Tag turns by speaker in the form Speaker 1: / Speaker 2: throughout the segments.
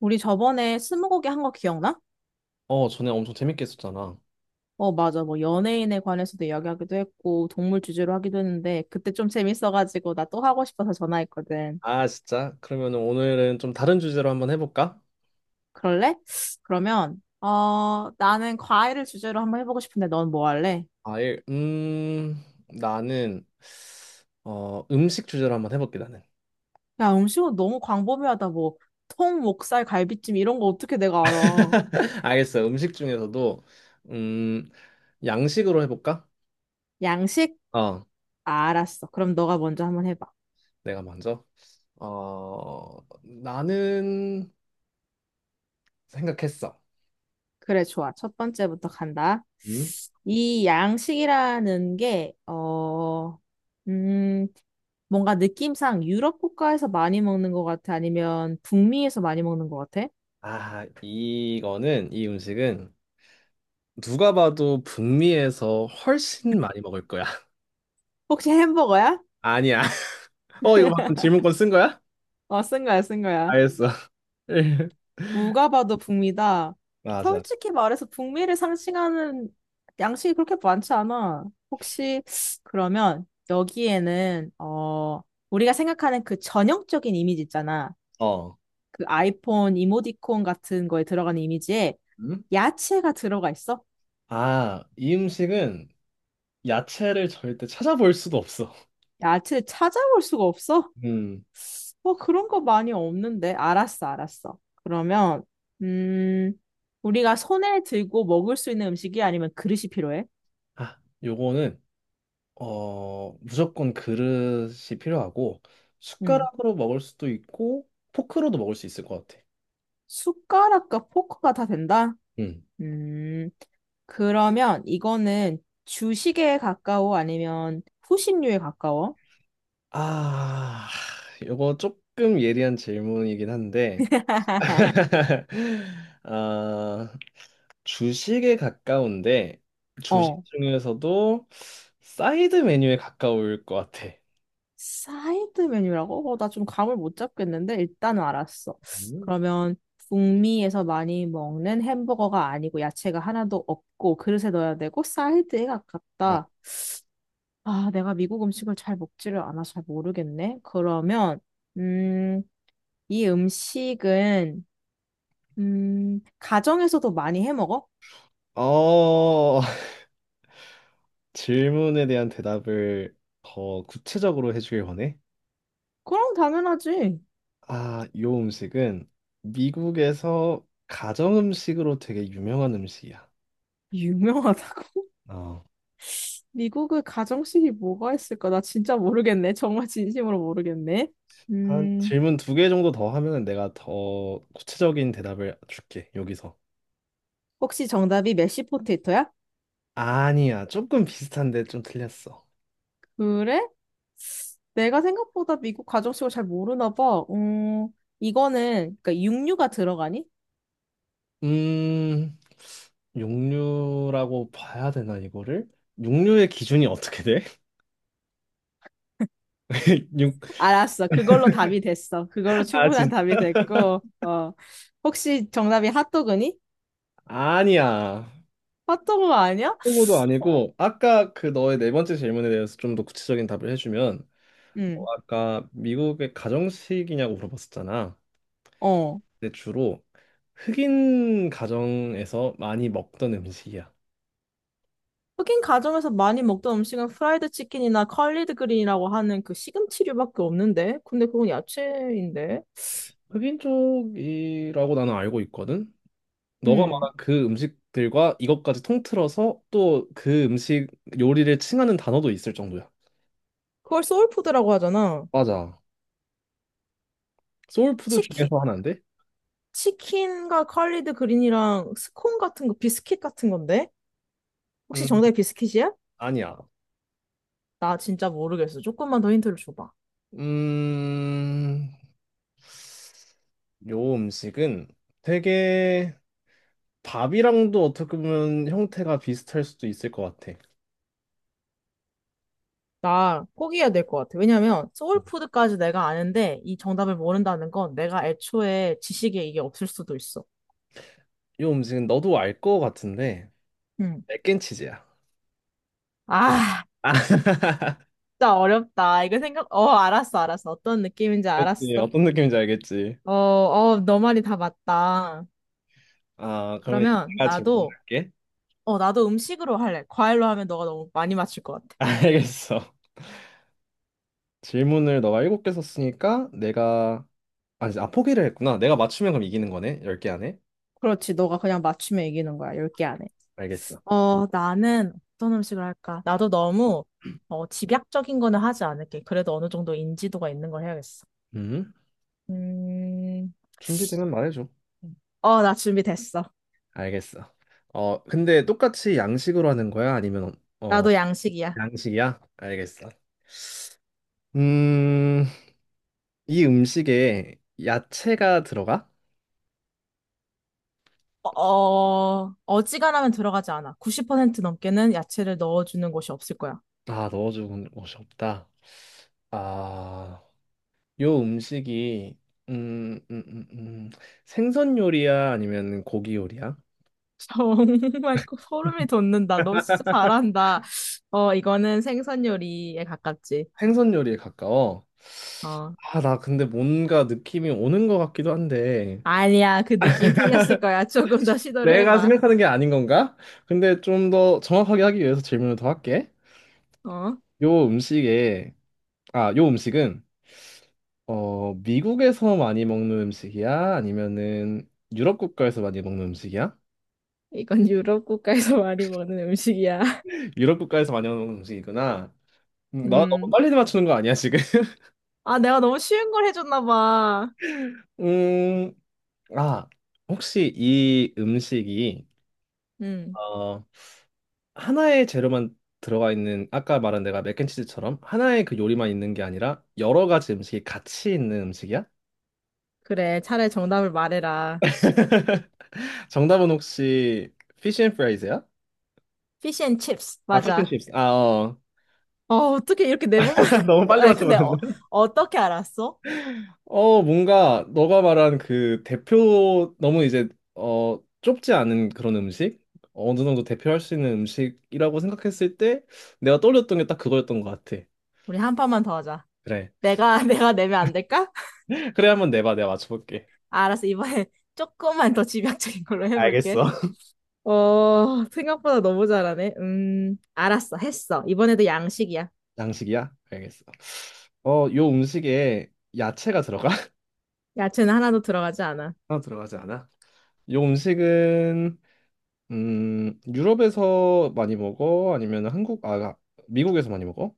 Speaker 1: 우리 저번에 스무고개 한 거 기억나?
Speaker 2: 어, 전에 엄청 재밌게 했었잖아.
Speaker 1: 어, 맞아. 뭐 연예인에 관해서도 이야기하기도 했고 동물 주제로 하기도 했는데 그때 좀 재밌어가지고 나 또 하고 싶어서 전화했거든.
Speaker 2: 아, 진짜? 그러면 오늘은 좀 다른 주제로 한번 해볼까?
Speaker 1: 그럴래? 그러면 나는 과일을 주제로 한번 해보고 싶은데 넌 뭐 할래?
Speaker 2: 아, 예. 나는, 음식 주제로 한번 해볼게, 나는.
Speaker 1: 야 음식은 너무 광범위하다. 뭐 통, 목살, 갈비찜 이런 거 어떻게 내가 알아?
Speaker 2: 알겠어. 음식 중에서도, 음, 양식으로 해볼까?
Speaker 1: 양식?
Speaker 2: 어,
Speaker 1: 아, 알았어. 그럼 너가 먼저 한번 해봐.
Speaker 2: 내가 먼저. 어, 나는 생각했어.
Speaker 1: 그래, 좋아. 첫 번째부터 간다.
Speaker 2: 음?
Speaker 1: 이 양식이라는 게, 음, 뭔가 느낌상 유럽 국가에서 많이 먹는 것 같아? 아니면 북미에서 많이 먹는 것 같아?
Speaker 2: 아, 이 음식은 누가 봐도 북미에서 훨씬 많이 먹을 거야.
Speaker 1: 혹시 햄버거야?
Speaker 2: 아니야. 어, 이거 방금 질문권 쓴 거야?
Speaker 1: 어, 쓴 거야, 쓴 거야.
Speaker 2: 알겠어.
Speaker 1: 누가 봐도 북미다.
Speaker 2: 맞아.
Speaker 1: 솔직히 말해서 북미를 상징하는 양식이 그렇게 많지 않아. 혹시, 그러면 여기에는, 어, 우리가 생각하는 그 전형적인 이미지 있잖아.
Speaker 2: 어.
Speaker 1: 그 아이폰 이모티콘 같은 거에 들어가는 이미지에
Speaker 2: 음?
Speaker 1: 야채가 들어가 있어?
Speaker 2: 아, 이 음식은 야채를 절대 찾아볼 수도 없어.
Speaker 1: 야채 찾아볼 수가 없어?
Speaker 2: 음.
Speaker 1: 뭐 그런 거 많이 없는데. 알았어, 알았어. 그러면, 음, 우리가 손에 들고 먹을 수 있는 음식이 아니면 그릇이 필요해?
Speaker 2: 아, 요거는 무조건 그릇이 필요하고
Speaker 1: 음,
Speaker 2: 숟가락으로 먹을 수도 있고 포크로도 먹을 수 있을 것 같아.
Speaker 1: 숟가락과 포크가 다 된다?
Speaker 2: 음.
Speaker 1: 음, 그러면 이거는 주식에 가까워 아니면 후식류에 가까워?
Speaker 2: 아, 요거 조금 예리한 질문이긴 한데 아, 주식에 가까운데 주식
Speaker 1: 어.
Speaker 2: 중에서도 사이드 메뉴에 가까울 것 같아.
Speaker 1: 사이드 메뉴라고? 어, 나 좀 감을 못 잡겠는데 일단은 알았어.
Speaker 2: 음.
Speaker 1: 그러면 북미에서 많이 먹는 햄버거가 아니고 야채가 하나도 없고 그릇에 넣어야 되고 사이드에
Speaker 2: 막,
Speaker 1: 가깝다. 아, 내가 미국 음식을 잘 먹지를 않아 잘 모르겠네. 그러면 음, 이 음식은 가정에서도 많이 해 먹어?
Speaker 2: 어, 질문에 대한 대답을 더 구체적으로 해주길 원해.
Speaker 1: 그럼 당연하지.
Speaker 2: 아, 이 음식은 미국에서 가정 음식으로 되게 유명한 음식이야.
Speaker 1: 유명하다고?
Speaker 2: 어,
Speaker 1: 미국의 가정식이 뭐가 있을까? 나 진짜 모르겠네. 정말 진심으로 모르겠네.
Speaker 2: 한
Speaker 1: 음,
Speaker 2: 질문 2개 정도 더 하면 내가 더 구체적인 대답을 줄게, 여기서.
Speaker 1: 혹시 정답이 메쉬 포테이토야?
Speaker 2: 아니야. 조금 비슷한데 좀 틀렸어.
Speaker 1: 그래? 내가 생각보다 미국 가정식을 잘 모르나 봐. 이거는 그러니까 육류가 들어가니?
Speaker 2: 음, 육류라고 봐야 되나, 이거를? 육류의 기준이 어떻게 돼? 육,
Speaker 1: 알았어. 그걸로 답이 됐어. 그걸로
Speaker 2: 아,
Speaker 1: 충분한
Speaker 2: 진
Speaker 1: 답이 됐고. 어. 혹시 정답이 핫도그니?
Speaker 2: 아니야.
Speaker 1: 핫도그 아니야?
Speaker 2: 그거도 아니고, 아까 그 너의 네 번째 질문에 대해서 좀 더 구체적인 답을 해주면, 너
Speaker 1: 응.
Speaker 2: 아까 미국의 가정식이냐고 물어봤었잖아.
Speaker 1: 어.
Speaker 2: 근데 주로 흑인 가정에서 많이 먹던 음식이야.
Speaker 1: 흑인 가정에서 많이 먹던 음식은 프라이드 치킨이나 컬리드 그린이라고 하는 그 시금치류밖에 없는데? 근데 그건 야채인데?
Speaker 2: 흑인 쪽이라고 나는 알고 있거든. 너가
Speaker 1: 음.
Speaker 2: 말한 그 음식들과 이것까지 통틀어서 또 그 음식 요리를 칭하는 단어도 있을 정도야.
Speaker 1: 그걸 소울푸드라고 하잖아.
Speaker 2: 맞아. 소울푸드
Speaker 1: 치킨
Speaker 2: 중에서 하나인데?
Speaker 1: 치킨과 컬리드 그린이랑 스콘 같은 거, 비스킷 같은 건데? 혹시
Speaker 2: 음,
Speaker 1: 정답이 비스킷이야?
Speaker 2: 아니야.
Speaker 1: 나 진짜 모르겠어. 조금만 더 힌트를 줘봐.
Speaker 2: 음, 요 음식은 되게 밥이랑도 어떻게 보면 형태가 비슷할 수도 있을 것 같아.
Speaker 1: 나 포기해야 될 것 같아. 왜냐면
Speaker 2: 어.
Speaker 1: 소울푸드까지 내가 아는데 이 정답을 모른다는 건 내가 애초에 지식에 이게 없을 수도 있어.
Speaker 2: 요 음식은 너도 알 것 같은데,
Speaker 1: 음.
Speaker 2: 맥앤치즈야.
Speaker 1: 아,
Speaker 2: 아,
Speaker 1: 진짜 어렵다. 알았어, 알았어. 어떤 느낌인지
Speaker 2: 그렇지.
Speaker 1: 알았어.
Speaker 2: 어떤 느낌인지 알겠지.
Speaker 1: 어, 어, 너 말이 다 맞다.
Speaker 2: 아, 그러면
Speaker 1: 그러면
Speaker 2: 내가
Speaker 1: 나도,
Speaker 2: 질문할게.
Speaker 1: 나도 음식으로 할래. 과일로 하면 너가 너무 많이 맞출 것 같아.
Speaker 2: 알겠어. 질문을 너가 7개 썼으니까 내가 아니, 포기를 했구나. 내가 맞추면 그럼 이기는 거네. 10개 안에.
Speaker 1: 그렇지. 너가 그냥 맞추면 이기는 거야. 10개 안에.
Speaker 2: 알겠어.
Speaker 1: 어, 나는 어떤 음식을 할까? 집약적인 거는 하지 않을게. 그래도 어느 정도 인지도가 있는 걸 해야겠어.
Speaker 2: 음.
Speaker 1: 음,
Speaker 2: 준비되면 말해줘.
Speaker 1: 어, 나 준비됐어.
Speaker 2: 알겠어. 근데 똑같이 양식으로 하는 거야? 아니면 어
Speaker 1: 나도 양식이야.
Speaker 2: 양식이야? 알겠어. 음. 이 음식에 야채가 들어가?
Speaker 1: 어, 어, 어지간하면 들어가지 않아. 90% 넘게는 야채를 넣어주는 곳이 없을 거야.
Speaker 2: 아 넣어주는 곳이 없다. 아. 요 음식이 음, 음, 음, 음. 생선 요리야? 아니면 고기 요리야?
Speaker 1: 정말 소름이 돋는다. 너 진짜 잘한다. 어, 이거는 생선 요리에 가깝지.
Speaker 2: 생선 요리에 가까워.
Speaker 1: 어,
Speaker 2: 아, 나 근데 뭔가 느낌이 오는 것 같기도 한데
Speaker 1: 아니야. 그 느낌 틀렸을 거야. 조금 더 시도를
Speaker 2: 내가
Speaker 1: 해봐.
Speaker 2: 생각하는 게 아닌 건가? 근데 좀 더 정확하게 하기 위해서 질문을 더 할게.
Speaker 1: 어?
Speaker 2: 요 음식에 요 음식은 미국에서 많이 먹는 음식이야? 아니면은 유럽 국가에서 많이 먹는 음식이야?
Speaker 1: 이건 유럽 국가에서 많이 먹는 음식이야.
Speaker 2: 유럽 국가에서 많이 먹는 음식이구나. 나 너무
Speaker 1: 음.
Speaker 2: 빨리 맞추는 거 아니야, 지금?
Speaker 1: 아, 내가 너무 쉬운 걸 해줬나 봐.
Speaker 2: 음, 아, 혹시 이 음식이
Speaker 1: 음.
Speaker 2: 어, 하나의 재료만 들어가 있는 아까 말한 내가 맥앤치즈처럼 하나의 그 요리만 있는 게 아니라 여러 가지 음식이 같이 있는 음식이야?
Speaker 1: 그래, 차라리 정답을 말해라.
Speaker 2: 정답은 혹시 피쉬 앤 프라이즈야?
Speaker 1: 피쉬 앤 칩스.
Speaker 2: 아, 피쉬 앤
Speaker 1: 맞아.
Speaker 2: 칩스. 아, 어.
Speaker 1: 어, 어떻게 이렇게 내몸면
Speaker 2: 너무 빨리
Speaker 1: 아니, 근데
Speaker 2: 맞춰버렸네.
Speaker 1: 어, 어떻게 알았어?
Speaker 2: 뭔가 너가 말한 그 대표 너무 이제 좁지 않은 그런 음식? 어느 정도 대표할 수 있는 음식이라고 생각했을 때 내가 떠올렸던 게 딱 그거였던 것 같아.
Speaker 1: 우리 한 판만 더 하자.
Speaker 2: 그래.
Speaker 1: 내가 내가 내면 안 될까?
Speaker 2: 그래 한번 내봐. 내가 맞춰볼게.
Speaker 1: 아, 알았어. 이번에 조금만 더 집약적인 걸로 해볼게.
Speaker 2: 알겠어.
Speaker 1: 어, 생각보다 너무 잘하네. 알았어. 했어. 이번에도 양식이야.
Speaker 2: 양식이야? 알겠어. 어, 요 음식에 야채가 들어가?
Speaker 1: 야채는 하나도 들어가지 않아.
Speaker 2: 하나 들어가지 않아? 요 음식은 유럽에서 많이 먹어? 아니면 한국 아 미국에서 많이 먹어?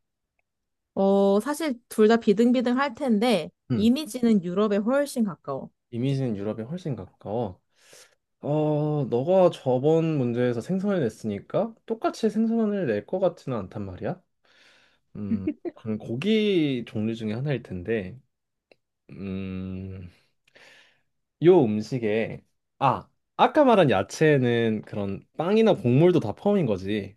Speaker 1: 어, 사실 둘 다 비등비등 할 텐데,
Speaker 2: 음.
Speaker 1: 이미지는 유럽에 훨씬 가까워.
Speaker 2: 이미지는 유럽에 훨씬 가까워. 어, 너가 저번 문제에서 생선을 냈으니까 똑같이 생선을 낼 것 같지는 않단 말이야. 음, 그럼 고기 종류 중에 하나일 텐데. 음. 요 음식에 아 아까 말한 야채는 그런 빵이나 곡물도 다 포함인 거지.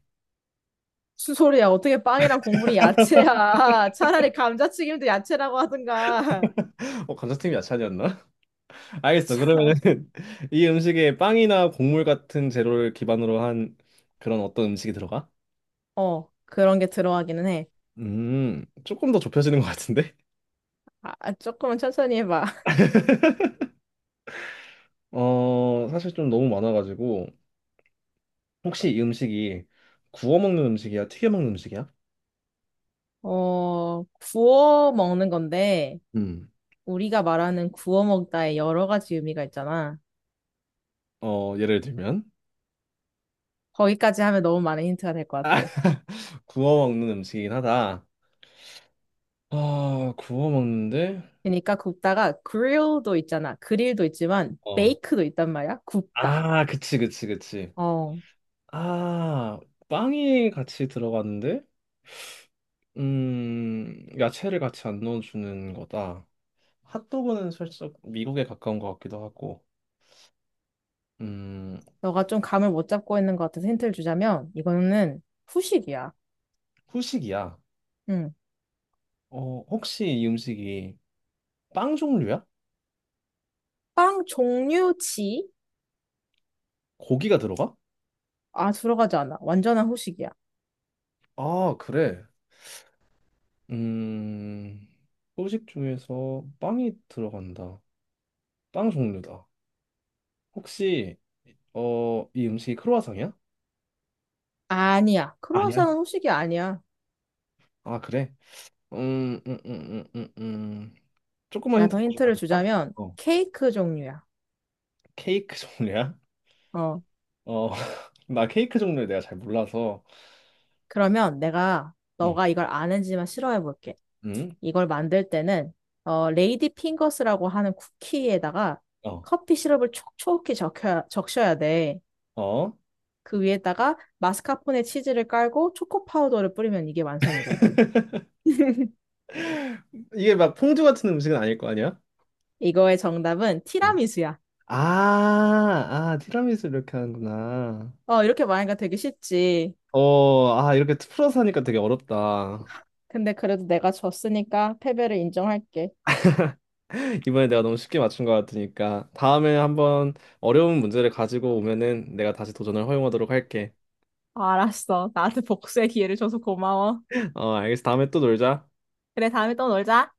Speaker 1: 무슨 소리야? 어떻게 빵이랑 국물이 야채야? 차라리 감자튀김도 야채라고 하든가.
Speaker 2: 감자튀김 야채 아니었나? 알겠어. 그러면은 이 음식에 빵이나 곡물 같은 재료를 기반으로 한 그런 어떤 음식이 들어가?
Speaker 1: 어, 그런 게 들어가기는 해.
Speaker 2: 조금 더 좁혀지는 것 같은데?
Speaker 1: 아, 아, 조금은 천천히 해봐.
Speaker 2: 사실 좀 너무 많아가지고 혹시 이 음식이 구워 먹는 음식이야? 튀겨 먹는 음식이야?
Speaker 1: 어, 구워 먹는 건데,
Speaker 2: 음.
Speaker 1: 우리가 말하는 구워 먹다의 여러 가지 의미가 있잖아.
Speaker 2: 예를 들면
Speaker 1: 거기까지 하면 너무 많은 힌트가 될 것 같아.
Speaker 2: 구워 먹는 음식이긴 하다. 아 구워 먹는데.
Speaker 1: 그러니까 굽다가 grill도 있잖아. 그릴도 있지만,
Speaker 2: 어.
Speaker 1: bake도 있단 말이야. 굽다.
Speaker 2: 아, 그치, 그치, 그치.
Speaker 1: 어,
Speaker 2: 아, 빵이 같이 들어갔는데, 야채를 같이 안 넣어주는 거다. 핫도그는 살짝 미국에 가까운 것 같기도 하고, 음,
Speaker 1: 너가 좀 감을 못 잡고 있는 것 같아서 힌트를 주자면 이거는 후식이야.
Speaker 2: 후식이야.
Speaker 1: 응.
Speaker 2: 혹시 이 음식이 빵 종류야?
Speaker 1: 빵 종류치?
Speaker 2: 고기가 들어가?
Speaker 1: 아, 들어가지 않아. 완전한 후식이야.
Speaker 2: 아, 그래. 음, 후식 중에서 빵이 들어간다. 빵 종류다. 혹시, 이 음식이 크로와상이야?
Speaker 1: 아니야.
Speaker 2: 아니야.
Speaker 1: 크루아상은 후식이 아니야.
Speaker 2: 아, 그래? 음, 음, 음, 음, 음, 음. 조금만
Speaker 1: 야,
Speaker 2: 힌트
Speaker 1: 더
Speaker 2: 더 주면 안
Speaker 1: 힌트를
Speaker 2: 될까?
Speaker 1: 주자면
Speaker 2: 어,
Speaker 1: 케이크 종류야.
Speaker 2: 케이크 종류야?
Speaker 1: 어.
Speaker 2: 어, 나 케이크 종류에 내가 잘 몰라서.
Speaker 1: 그러면 내가
Speaker 2: 음,
Speaker 1: 너가 이걸 아는지만 싫어해 볼게.
Speaker 2: 음,
Speaker 1: 이걸 만들 때는 레이디 핑거스라고 하는 쿠키에다가
Speaker 2: 어,
Speaker 1: 커피 시럽을 촉촉히 적셔야 돼.
Speaker 2: 어.
Speaker 1: 그 위에다가 마스카포네 치즈를 깔고 초코 파우더를 뿌리면 이게 완성이 돼.
Speaker 2: 이게 막 퐁듀 같은 음식은 아닐 거 아니야?
Speaker 1: 이거의 정답은
Speaker 2: 어.
Speaker 1: 티라미수야.
Speaker 2: 아, 아, 티라미수 이렇게 하는구나.
Speaker 1: 어, 이렇게 말하니까 되게 쉽지.
Speaker 2: 이렇게 풀어서 하니까 되게 어렵다.
Speaker 1: 근데 그래도 내가 졌으니까 패배를 인정할게.
Speaker 2: 이번에 내가 너무 쉽게 맞춘 것 같으니까 다음에 한번 어려운 문제를 가지고 오면은 내가 다시 도전을 허용하도록 할게.
Speaker 1: 알았어. 나한테 복수의 기회를 줘서 고마워.
Speaker 2: 어, 알겠어. 다음에 또 놀자.
Speaker 1: 그래, 다음에 또 놀자.